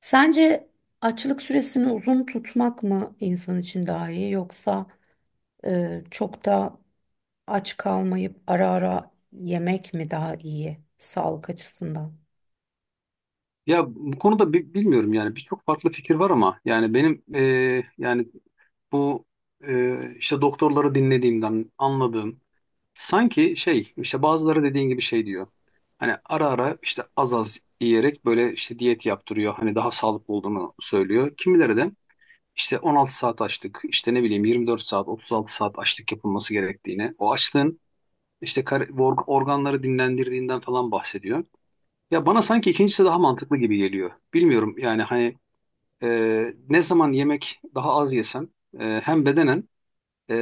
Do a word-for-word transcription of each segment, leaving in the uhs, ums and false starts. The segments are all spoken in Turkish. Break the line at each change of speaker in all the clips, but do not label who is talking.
Sence açlık süresini uzun tutmak mı insan için daha iyi yoksa e, çok da aç kalmayıp ara ara yemek mi daha iyi sağlık açısından?
Ya bu konuda bi- bilmiyorum, yani birçok farklı fikir var ama yani benim, e, yani bu, e, işte doktorları dinlediğimden anladığım sanki şey, işte bazıları dediğin gibi şey diyor. Hani ara ara işte az az yiyerek böyle işte diyet yaptırıyor. Hani daha sağlıklı olduğunu söylüyor. Kimileri de işte on altı saat açlık, işte ne bileyim yirmi dört saat otuz altı saat açlık yapılması gerektiğini, o açlığın işte kar- org- organları dinlendirdiğinden falan bahsediyor. Ya bana sanki ikincisi daha mantıklı gibi geliyor. Bilmiyorum yani hani, e, ne zaman yemek daha az yesem, e, hem bedenen, e,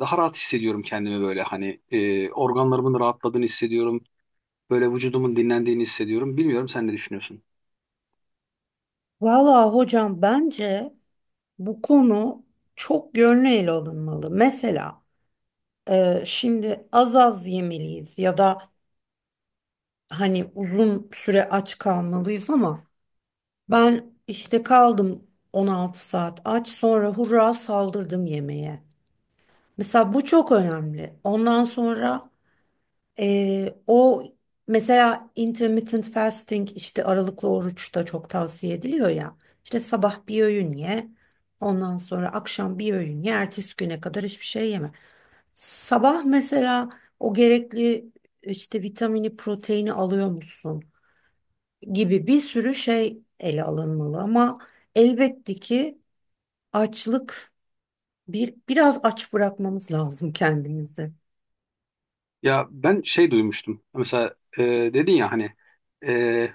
daha rahat hissediyorum kendimi, böyle hani e, organlarımın rahatladığını hissediyorum. Böyle vücudumun dinlendiğini hissediyorum. Bilmiyorum, sen ne düşünüyorsun?
Valla hocam bence bu konu çok yönlü ele alınmalı. Mesela e, şimdi az az yemeliyiz ya da hani uzun süre aç kalmalıyız ama ben işte kaldım on altı saat aç, sonra hurra saldırdım yemeğe. Mesela bu çok önemli. Ondan sonra eee, o mesela intermittent fasting, işte aralıklı oruç da çok tavsiye ediliyor ya. İşte sabah bir öğün ye, ondan sonra akşam bir öğün ye, ertesi güne kadar hiçbir şey yeme. Sabah mesela o gerekli işte vitamini, proteini alıyor musun gibi bir sürü şey ele alınmalı ama elbette ki açlık bir biraz aç bırakmamız lazım kendimizi.
Ya ben şey duymuştum. Mesela e, dedin ya hani, e,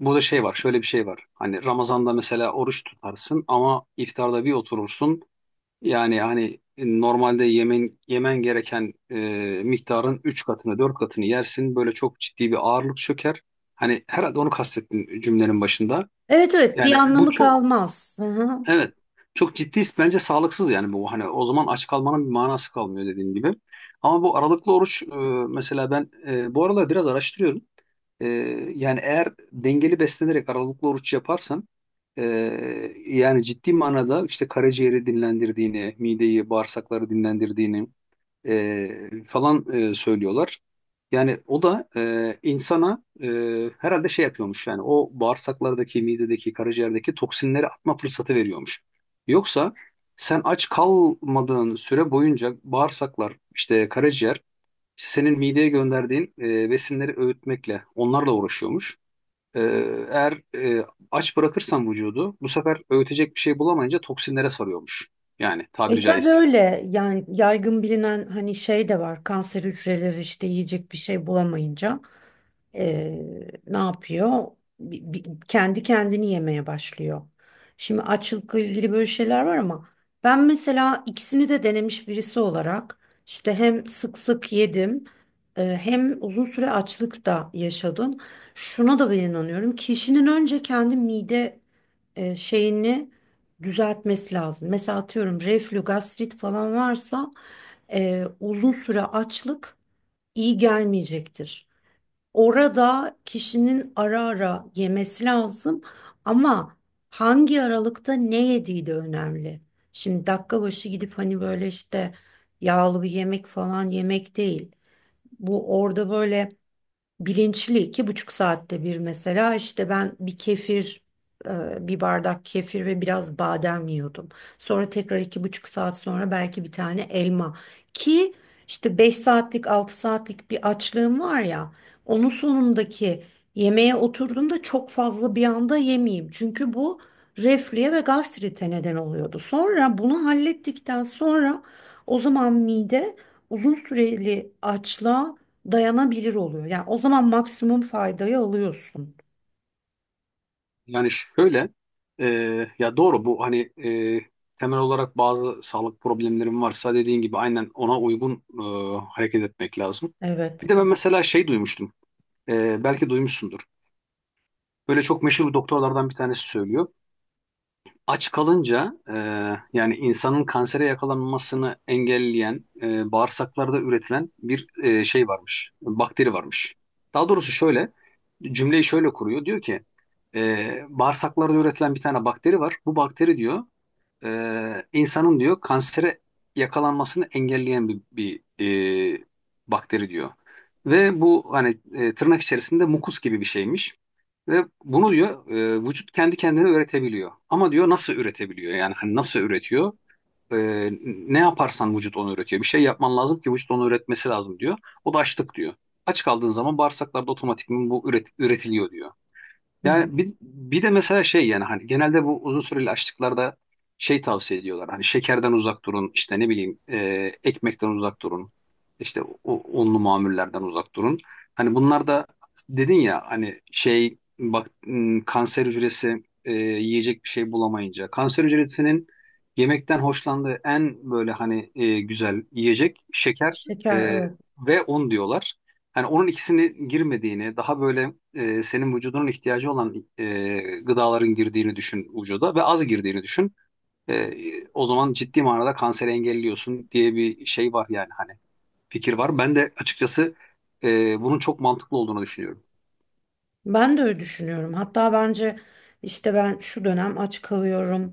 burada şey var, şöyle bir şey var. Hani Ramazan'da mesela oruç tutarsın ama iftarda bir oturursun. Yani hani, e, normalde yemen yemen gereken, e, miktarın üç katını dört katını yersin. Böyle çok ciddi bir ağırlık çöker. Hani herhalde onu kastettin cümlenin başında.
Evet evet, bir
Yani bu
anlamı
çok,
kalmaz. Hı hı.
evet, çok ciddi bence sağlıksız, yani bu hani o zaman aç kalmanın bir manası kalmıyor dediğin gibi. Ama bu aralıklı oruç, e, mesela ben, e, bu aralar biraz araştırıyorum. Ee, Yani eğer dengeli beslenerek aralıklı oruç yaparsan, e, yani ciddi manada işte karaciğeri dinlendirdiğini, mideyi, bağırsakları dinlendirdiğini, e, falan e, söylüyorlar. Yani o da, e, insana, e, herhalde şey yapıyormuş, yani o bağırsaklardaki, midedeki, karaciğerdeki toksinleri atma fırsatı veriyormuş. Yoksa sen aç kalmadığın süre boyunca bağırsaklar, işte karaciğer, işte senin mideye gönderdiğin, e, besinleri öğütmekle, onlarla uğraşıyormuş. E, Eğer, e, aç bırakırsan vücudu, bu sefer öğütecek bir şey bulamayınca toksinlere sarıyormuş. Yani
E
tabiri
tabii
caizse.
öyle, yani yaygın bilinen hani şey de var, kanser hücreleri işte yiyecek bir şey bulamayınca e, ne yapıyor? Bi- bi- kendi kendini yemeye başlıyor. Şimdi açlıkla ilgili böyle şeyler var ama ben mesela ikisini de denemiş birisi olarak işte hem sık sık yedim, e, hem uzun süre açlık da yaşadım. Şuna da ben inanıyorum, kişinin önce kendi mide e, şeyini düzeltmesi lazım. Mesela atıyorum reflü, gastrit falan varsa e, uzun süre açlık iyi gelmeyecektir. Orada kişinin ara ara yemesi lazım ama hangi aralıkta ne yediği de önemli. Şimdi dakika başı gidip hani böyle işte yağlı bir yemek falan yemek değil. Bu orada böyle bilinçli iki buçuk saatte bir, mesela işte ben bir kefir, e, bir bardak kefir ve biraz badem yiyordum. Sonra tekrar iki buçuk saat sonra belki bir tane elma, ki işte beş saatlik altı saatlik bir açlığım var ya, onun sonundaki yemeğe oturduğumda çok fazla bir anda yemeyeyim. Çünkü bu reflüye ve gastrite neden oluyordu. Sonra bunu hallettikten sonra o zaman mide uzun süreli açlığa dayanabilir oluyor. Yani o zaman maksimum faydayı alıyorsun.
Yani şöyle, e, ya doğru bu hani, e, temel olarak bazı sağlık problemlerim varsa dediğin gibi aynen ona uygun, e, hareket etmek lazım.
Evet.
Bir de ben mesela şey duymuştum, e, belki duymuşsundur. Böyle çok meşhur doktorlardan bir tanesi söylüyor. Aç kalınca, e, yani insanın kansere yakalanmasını engelleyen, e, bağırsaklarda üretilen bir, e, şey varmış, bakteri varmış. Daha doğrusu şöyle, cümleyi şöyle kuruyor. Diyor ki, e, bağırsaklarda üretilen bir tane bakteri var. Bu bakteri diyor, e, insanın diyor kansere yakalanmasını engelleyen bir, bir e, bakteri diyor. Ve bu hani, e, tırnak içerisinde mukus gibi bir şeymiş. Ve bunu diyor, e, vücut kendi kendine üretebiliyor. Ama diyor nasıl üretebiliyor? Yani hani nasıl üretiyor? E, Ne yaparsan vücut onu üretiyor. Bir şey yapman lazım ki vücut onu üretmesi lazım diyor. O da açlık diyor. Aç kaldığın zaman bağırsaklarda otomatikman bu üret- üretiliyor diyor.
Hı hı.
Yani bir, bir de mesela şey, yani hani genelde bu uzun süreli açlıklarda şey tavsiye ediyorlar. Hani şekerden uzak durun, işte ne bileyim, e, ekmekten uzak durun, işte o, onlu mamullerden uzak durun. Hani bunlar da dedin ya hani şey bak, m, kanser hücresi, e, yiyecek bir şey bulamayınca kanser hücresinin yemekten hoşlandığı en böyle hani, e, güzel yiyecek şeker, e,
Şeker, evet.
ve un diyorlar. Yani onun ikisini girmediğini, daha böyle, e, senin vücudunun ihtiyacı olan, e, gıdaların girdiğini düşün vücuda ve az girdiğini düşün. E, o zaman ciddi manada kanseri engelliyorsun diye bir şey var yani hani, fikir var. Ben de açıkçası, e, bunun çok mantıklı olduğunu düşünüyorum.
Ben de öyle düşünüyorum. Hatta bence işte ben şu dönem aç kalıyorum,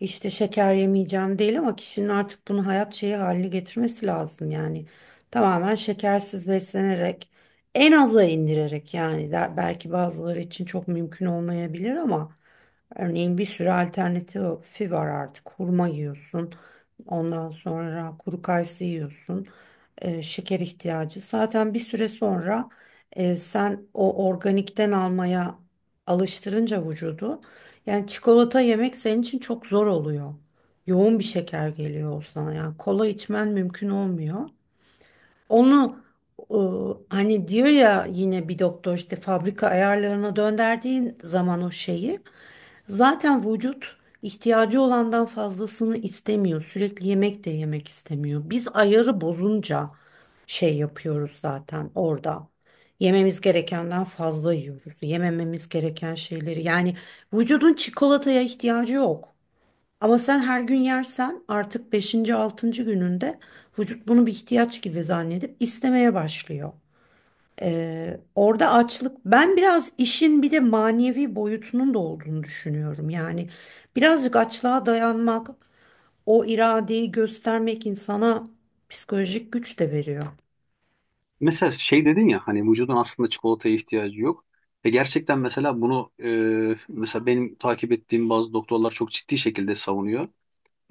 işte şeker yemeyeceğim değil, ama kişinin artık bunu hayat şeyi haline getirmesi lazım yani. Tamamen şekersiz beslenerek, en aza indirerek, yani der- belki bazıları için çok mümkün olmayabilir ama örneğin bir sürü alternatifi var artık. Hurma yiyorsun, ondan sonra kuru kayısı yiyorsun, e, şeker ihtiyacı. Zaten bir süre sonra e, sen o organikten almaya alıştırınca vücudu, yani çikolata yemek senin için çok zor oluyor. Yoğun bir şeker geliyor o sana, yani kola içmen mümkün olmuyor. Onu e, hani diyor ya yine bir doktor, işte fabrika ayarlarına döndürdüğün zaman o şeyi, zaten vücut ihtiyacı olandan fazlasını istemiyor. Sürekli yemek de yemek istemiyor. Biz ayarı bozunca şey yapıyoruz zaten orada. Yememiz gerekenden fazla yiyoruz. Yemememiz gereken şeyleri. Yani vücudun çikolataya ihtiyacı yok. Ama sen her gün yersen artık beşinci altıncı gününde vücut bunu bir ihtiyaç gibi zannedip istemeye başlıyor. Ee, Orada açlık, ben biraz işin bir de manevi boyutunun da olduğunu düşünüyorum. Yani birazcık açlığa dayanmak, o iradeyi göstermek insana psikolojik güç de veriyor.
Mesela şey dedin ya hani vücudun aslında çikolataya ihtiyacı yok. E, gerçekten mesela bunu, e, mesela benim takip ettiğim bazı doktorlar çok ciddi şekilde savunuyor.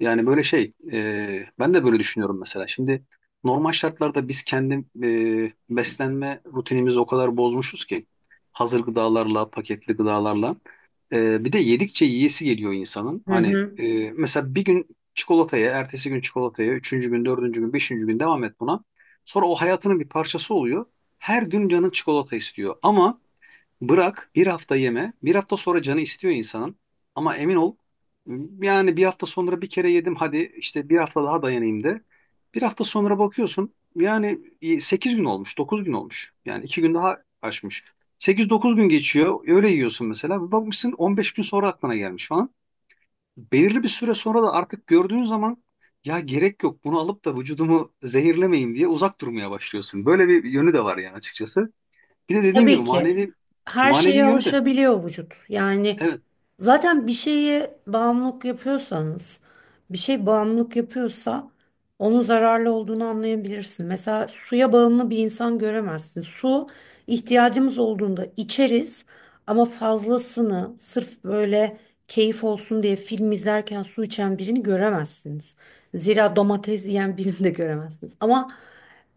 Yani böyle şey, e, ben de böyle düşünüyorum mesela. Şimdi normal şartlarda biz kendi, e, beslenme rutinimizi o kadar bozmuşuz ki hazır gıdalarla, paketli gıdalarla. E, bir de yedikçe yiyesi geliyor insanın.
Hı
Hani,
hı.
e, mesela bir gün çikolataya, ertesi gün çikolataya, üçüncü gün, dördüncü gün, beşinci gün devam et buna. Sonra o hayatının bir parçası oluyor. Her gün canın çikolata istiyor. Ama Bırak bir hafta yeme. Bir hafta sonra canı istiyor insanın. Ama emin ol, yani bir hafta sonra bir kere yedim, hadi işte bir hafta daha dayanayım de. Bir hafta sonra bakıyorsun, yani e, sekiz gün olmuş, dokuz gün olmuş. Yani iki gün daha aşmış. Sekiz dokuz gün geçiyor öyle yiyorsun mesela. Bir bakmışsın on beş gün sonra aklına gelmiş falan. Belirli bir süre sonra da artık gördüğün zaman ya gerek yok bunu alıp da vücudumu zehirlemeyeyim diye uzak durmaya başlıyorsun. Böyle bir yönü de var yani açıkçası. Bir de dediğin gibi
Tabii ki
manevi
her
manevi
şeye
yönü de,
alışabiliyor vücut. Yani
evet,
zaten bir şeye bağımlılık yapıyorsanız, bir şey bağımlılık yapıyorsa onun zararlı olduğunu anlayabilirsin. Mesela suya bağımlı bir insan göremezsin. Su ihtiyacımız olduğunda içeriz ama fazlasını, sırf böyle keyif olsun diye film izlerken su içen birini göremezsiniz. Zira domates yiyen birini de göremezsiniz. Ama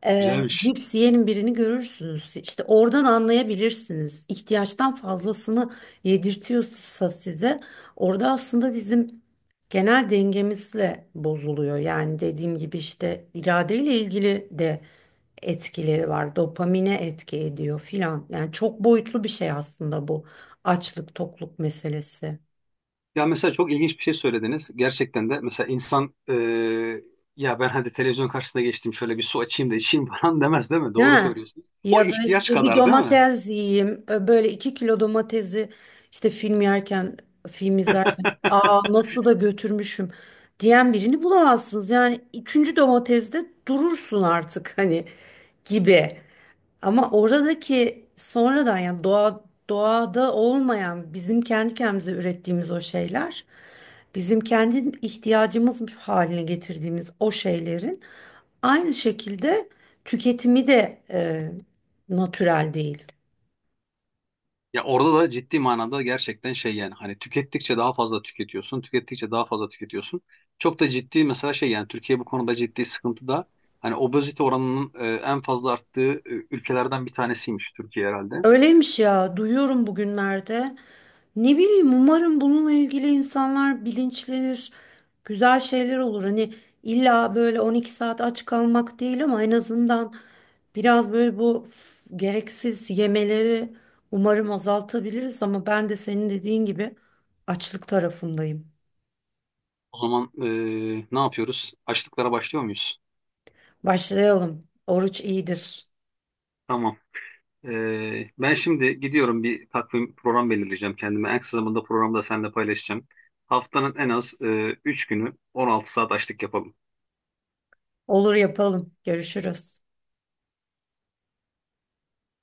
ee,
güzelmiş.
cips yiyen birini görürsünüz. İşte oradan anlayabilirsiniz. İhtiyaçtan fazlasını yedirtiyorsa size, orada aslında bizim genel dengemizle bozuluyor. Yani dediğim gibi işte iradeyle ilgili de etkileri var. Dopamine etki ediyor filan. Yani çok boyutlu bir şey aslında bu açlık tokluk meselesi.
Ya mesela çok ilginç bir şey söylediniz. Gerçekten de mesela insan, e, ya ben hadi televizyon karşısına geçtim şöyle bir su açayım da içeyim falan demez değil mi?
Değil
Doğru
mi?
söylüyorsunuz. O
Ya da
ihtiyaç
işte bir
kadar değil mi?
domates yiyeyim. Ö, Böyle iki kilo domatesi işte film yerken, film izlerken, aa nasıl da götürmüşüm diyen birini bulamazsınız. Yani üçüncü domateste durursun artık, hani, gibi. Ama oradaki sonradan, yani doğa doğada olmayan bizim kendi kendimize ürettiğimiz o şeyler, bizim kendi ihtiyacımız haline getirdiğimiz o şeylerin aynı şekilde tüketimi de e, natürel değil.
Ya orada da ciddi manada gerçekten şey, yani hani tükettikçe daha fazla tüketiyorsun, tükettikçe daha fazla tüketiyorsun. Çok da ciddi mesela şey, yani Türkiye bu konuda ciddi sıkıntıda. Hani obezite oranının, e, en fazla arttığı, e, ülkelerden bir tanesiymiş Türkiye herhalde.
Öyleymiş ya, duyuyorum bugünlerde. Ne bileyim, umarım bununla ilgili insanlar bilinçlenir, güzel şeyler olur. Hani illa böyle on iki saat aç kalmak değil ama en azından biraz böyle bu f- gereksiz yemeleri umarım azaltabiliriz. Ama ben de senin dediğin gibi açlık tarafındayım.
O zaman, e, ne yapıyoruz? Açlıklara başlıyor muyuz?
Başlayalım. Oruç iyidir.
Tamam. Ee, ben şimdi gidiyorum, bir takvim program belirleyeceğim kendime. En kısa zamanda programı da seninle paylaşacağım. Haftanın en az, e, üç günü on altı saat açlık yapalım.
Olur, yapalım. Görüşürüz.